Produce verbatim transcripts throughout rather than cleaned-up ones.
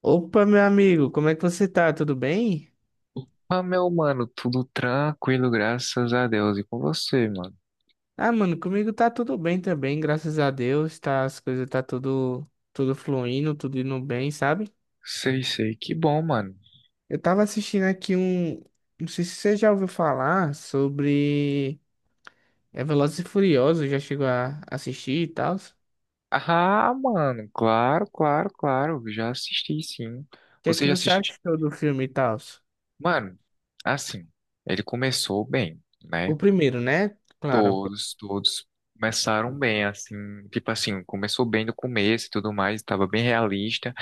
Opa, meu amigo, como é que você tá? Tudo bem? Ah, meu mano, tudo tranquilo, graças a Deus. E com você, mano? Ah, mano, comigo tá tudo bem também, graças a Deus, tá, as coisas tá tudo, tudo fluindo, tudo indo bem, sabe? Sei, sei, que bom, mano. Eu tava assistindo aqui um, não sei se você já ouviu falar sobre é Velozes e Furiosos, já chegou a assistir e tal. O Ah, mano, claro, claro, claro. Já assisti, sim. que é Você que já você assistiu? achou do filme e tal? Mano, assim, ele começou bem, né? O primeiro, né? Claro. Todos, todos começaram bem, assim. Tipo assim, começou bem no começo e tudo mais, tava bem realista.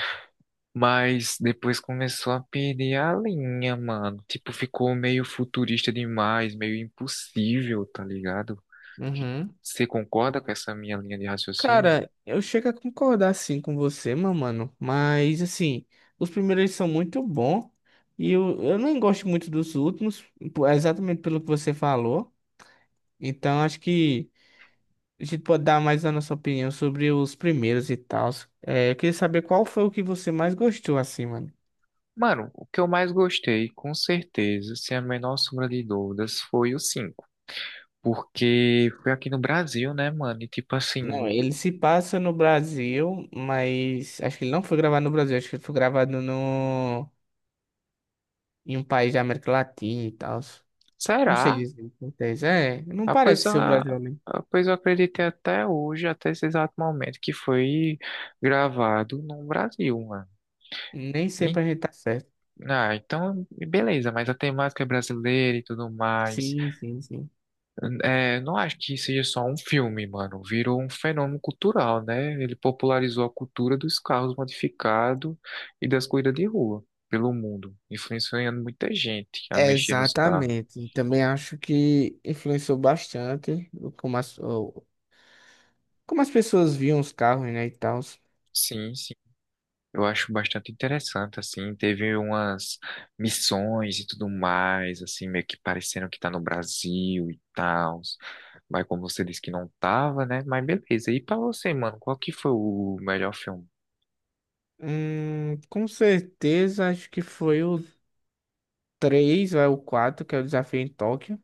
Mas depois começou a perder a linha, mano. Tipo, ficou meio futurista demais, meio impossível, tá ligado? Que Uhum. você concorda com essa minha linha de raciocínio? Cara, eu chego a concordar sim com você, meu mano. Mas assim, os primeiros são muito bons. E eu, eu nem gosto muito dos últimos, po- exatamente pelo que você falou. Então acho que a gente pode dar mais a nossa opinião sobre os primeiros e tal. É, eu queria saber qual foi o que você mais gostou, assim, mano. Mano, o que eu mais gostei, com certeza, sem a menor sombra de dúvidas, foi o cinco. Porque foi aqui no Brasil, né, mano? E tipo Não, assim, ele se passa no Brasil, mas acho que ele não foi gravado no Brasil, acho que ele foi gravado no em um país da América Latina e tal. Não sei será? dizer o que acontece. É, não Ah, pois, parece ser o a- Brasil, né? ah, pois eu acreditei até hoje, até esse exato momento, que foi gravado no Brasil, mano. Nem E- sempre a gente tá certo. ah, então, beleza, mas a temática é brasileira e tudo mais. Sim, sim, sim. É, não acho que seja só um filme, mano. Virou um fenômeno cultural, né? Ele popularizou a cultura dos carros modificados e das corridas de rua pelo mundo, influenciando muita gente a mexer nos carros. Exatamente. Também acho que influenciou bastante o- como as, o- como as pessoas viam os carros, né, e tal. Sim, sim. Eu acho bastante interessante, assim. Teve umas missões e tudo mais, assim, meio que parecendo que tá no Brasil e tal. Mas como você disse que não tava, né? Mas beleza. E pra você, mano, qual que foi o melhor filme? Hum, com certeza, acho que foi o três ou é o quatro que é o desafio em Tóquio.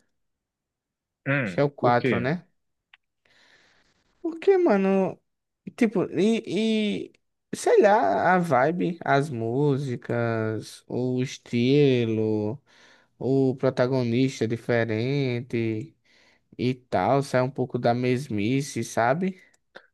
Acho que é Hum, o Por quatro, quê? né? Porque, mano, tipo, e, e sei lá, a vibe, as músicas, o estilo. O protagonista é diferente e tal, sai um pouco da mesmice, sabe?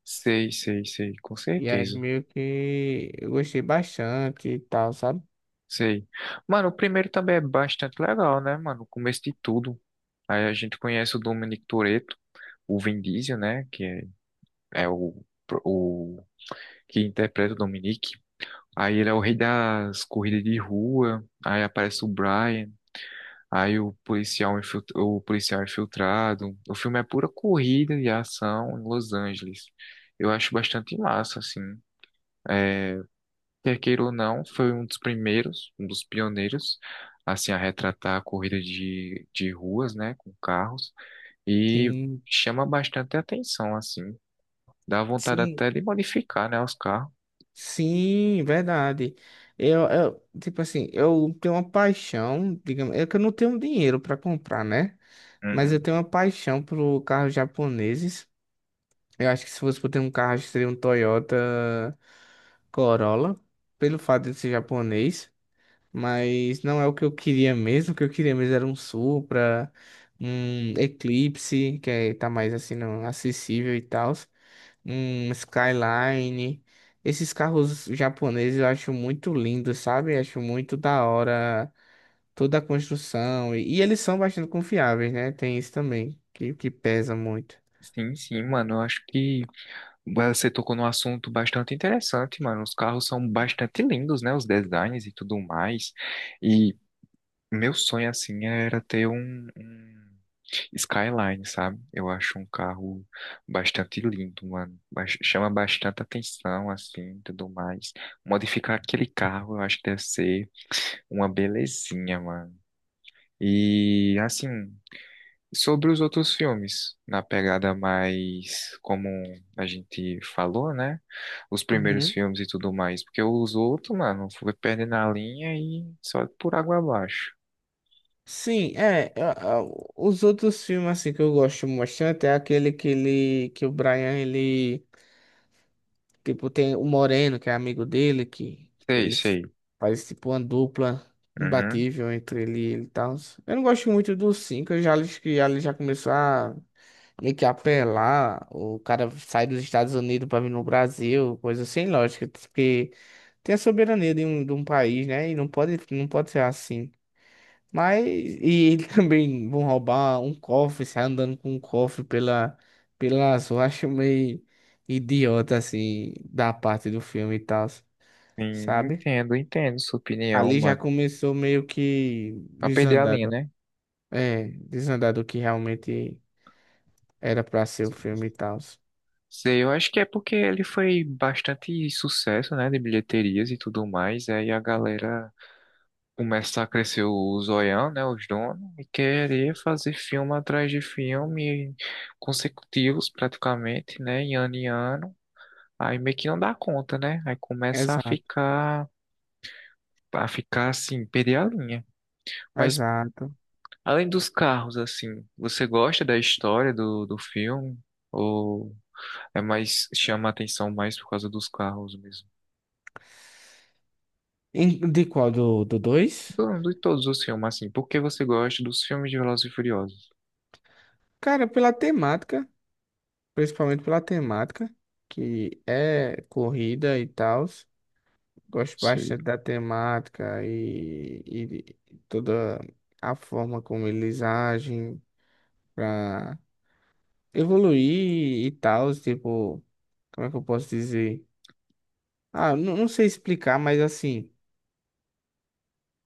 Sei, sei, sei, com E aí certeza. meio que eu gostei bastante e tal, sabe? Sei. Mano, o primeiro também é bastante legal, né, mano? O começo de tudo. Aí a gente conhece o Dominic Toretto, o Vin Diesel, né? Que é, é o, o que interpreta o Dominic. Aí ele é o rei das corridas de rua. Aí aparece o Brian. Aí o policial, infilt- o policial infiltrado. O filme é pura corrida e ação em Los Angeles. Eu acho bastante massa, assim. É, quer queira ou não, foi um dos primeiros, um dos pioneiros, assim, a retratar a corrida de, de ruas, né, com carros, e Sim, chama bastante atenção, assim, dá vontade sim, até de modificar, né, os carros. sim, verdade. Eu, eu, tipo assim, eu tenho uma paixão, digamos, é que eu não tenho dinheiro para comprar, né? Mas eu Uhum. tenho uma paixão por carros japoneses. Eu acho que se fosse por ter um carro, seria um Toyota Corolla, pelo fato de ser japonês. Mas não é o que eu queria mesmo. O que eu queria mesmo era um Supra, um Eclipse, que é, tá mais assim, não, acessível e tal. Um Skyline. Esses carros japoneses eu acho muito lindos, sabe? Acho muito da hora toda a construção. E, e eles são bastante confiáveis, né? Tem isso também, que, que pesa muito. Sim, sim, mano, eu acho que você tocou num assunto bastante interessante, mano, os carros são bastante lindos, né, os designs e tudo mais, e meu sonho, assim, era ter um, um Skyline, sabe? Eu acho um carro bastante lindo, mano. Bas- Chama bastante atenção, assim, tudo mais. Modificar aquele carro, eu acho que deve ser uma belezinha, mano. E, assim, sobre os outros filmes, na pegada mais como a gente falou, né? Os primeiros Uhum. filmes e tudo mais. Porque os outros, mano, foi perdendo a linha e só por água abaixo. Sim, é. a- a- Os outros filmes assim que eu gosto bastante é aquele que, ele, que o Brian ele tipo, tem o Moreno, que é amigo dele, que, que Sei, eles sei. fazem tipo uma dupla Uhum. imbatível entre ele e ele e tal. Eu não gosto muito dos cinco, eu já acho que ele já começou a meio que apelar. O cara sai dos Estados Unidos pra vir no Brasil, coisa sem lógica, porque tem a soberania de um, de um país, né? E não pode, não pode ser assim. Mas, e ele também vão roubar um cofre, sair andando com um cofre pela, pela rua. Acho meio idiota, assim, da parte do filme e tal, Sim, sabe? entendo, entendo sua opinião, Ali já mano. começou meio que A perder a linha, desandado. né? É, desandado o que realmente era pra ser o filme e tal. Sei, eu acho que é porque ele foi bastante sucesso, né, de bilheterias e tudo mais. Aí a galera começa a crescer o zoião, né, os donos, e querer fazer filme atrás de filme consecutivos praticamente, né, em ano em ano. Aí meio que não dá conta, né? Aí começa a Exato, ficar, a ficar assim, perder a linha. Mas exato. além dos carros, assim, você gosta da história do, do filme? Ou... É mais, chama a atenção mais por causa dos carros mesmo. Em- De qual? Do, do dois? Do, de todos os filmes, assim. Por que você gosta dos filmes de Velozes e Furiosos? Cara, pela temática, principalmente pela temática, que é corrida e tal. Gosto Sei. bastante da temática e, e de toda a forma como eles agem para evoluir e tal, tipo, como é que eu posso dizer? Ah, não, não sei explicar, mas assim,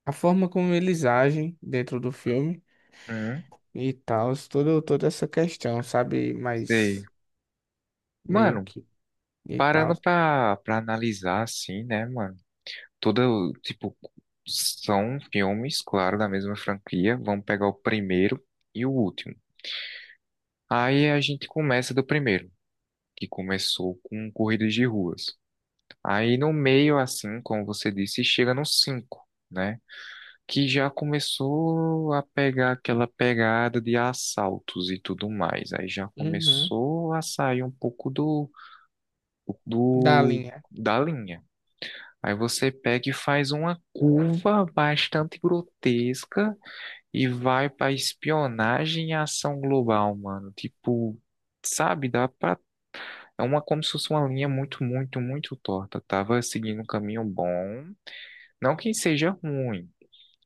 a forma como eles agem dentro do filme Hum, e tal, toda, toda essa questão, sabe? Sei. Mas meio Mano, que e tal. parando pra, pra analisar, assim, né, mano? Toda, tipo, são filmes, claro, da mesma franquia. Vamos pegar o primeiro e o último. Aí a gente começa do primeiro, que começou com corridas de ruas. Aí no meio, assim, como você disse, chega no cinco, né? Que já começou a pegar aquela pegada de assaltos e tudo mais. Aí já Uhum. começou a sair um pouco do, Da do linha. da linha. Aí você pega e faz uma curva bastante grotesca e vai para espionagem e ação global, mano. Tipo, sabe, dá pra. É uma como se fosse uma linha muito, muito, muito torta. Tava seguindo um caminho bom. Não que seja ruim,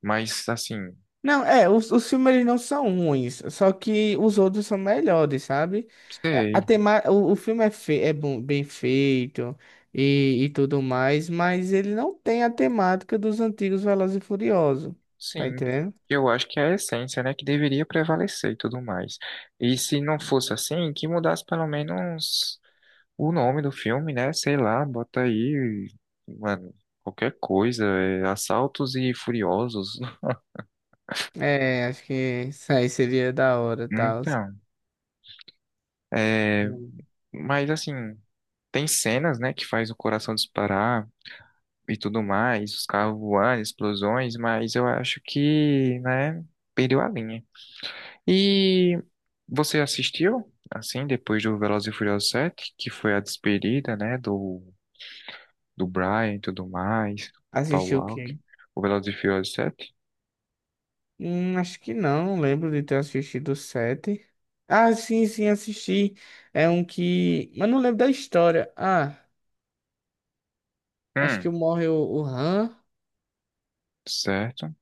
mas assim, Não, é, os, os filmes eles não são ruins, só que os outros são melhores, sabe? A a sei. tema, o, o filme é, fe, é bom, bem feito e, e tudo mais, mas ele não tem a temática dos antigos Velozes e Furiosos, tá Sim, entendendo? eu acho que é a essência, né, que deveria prevalecer e tudo mais. E se não fosse assim, que mudasse pelo menos o nome do filme, né? Sei lá, bota aí, mano, qualquer coisa, é, Assaltos e Furiosos. É, acho que isso aí seria da hora, tal. Então, é, mas assim, tem cenas, né, que faz o coração disparar e tudo mais, os carros voando, explosões, mas eu acho que, né, perdeu a linha. E você assistiu, assim, depois do Velozes e Furiosos sete, que foi a despedida, né, do, do Brian e tudo mais, o Paul Assistiu o Walker, quê? o Velozes e Furiosos sete? Hum, acho que não, não lembro de ter assistido o sete. Ah, sim, sim, assisti. É um que. Mas não lembro da história. Ah, acho que Hum, morre o, o Han. Certo,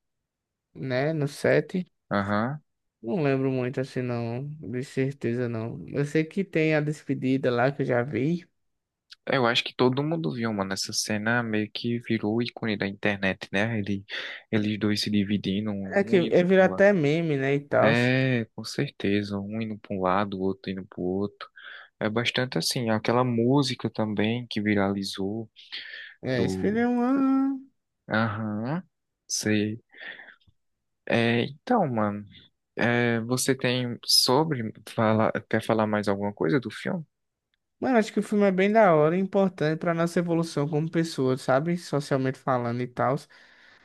Né? No set. aham. Não lembro muito assim, não. De certeza, não. Eu sei que tem a despedida lá que eu já vi. Eu acho que todo mundo viu, mano, essa cena meio que virou ícone da internet, né? Ele, eles dois se dividindo, É que um indo é virar pro lado. até meme, né? E tal. É, com certeza, um indo para um lado, o outro indo pro outro. É bastante assim, aquela música também que viralizou É, esse filme do. é uma. Aham, sei. É, então, mano, é, você tem sobre falar, quer falar mais alguma coisa do filme? Mano, acho que o filme é bem da hora e importante pra nossa evolução como pessoa, sabe? Socialmente falando e tal.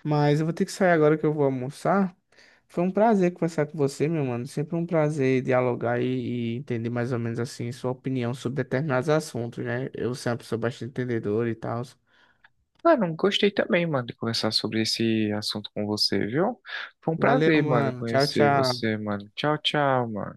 Mas eu vou ter que sair agora que eu vou almoçar. Foi um prazer conversar com você, meu mano. Sempre um prazer dialogar e, e entender mais ou menos assim sua opinião sobre determinados assuntos, né? Eu sou uma pessoa bastante entendedora e tal. Ah, não gostei também, mano, de conversar sobre esse assunto com você, viu? Foi um Valeu, prazer, mano, mano. Tchau, conhecer tchau. você, mano. Tchau, tchau, mano.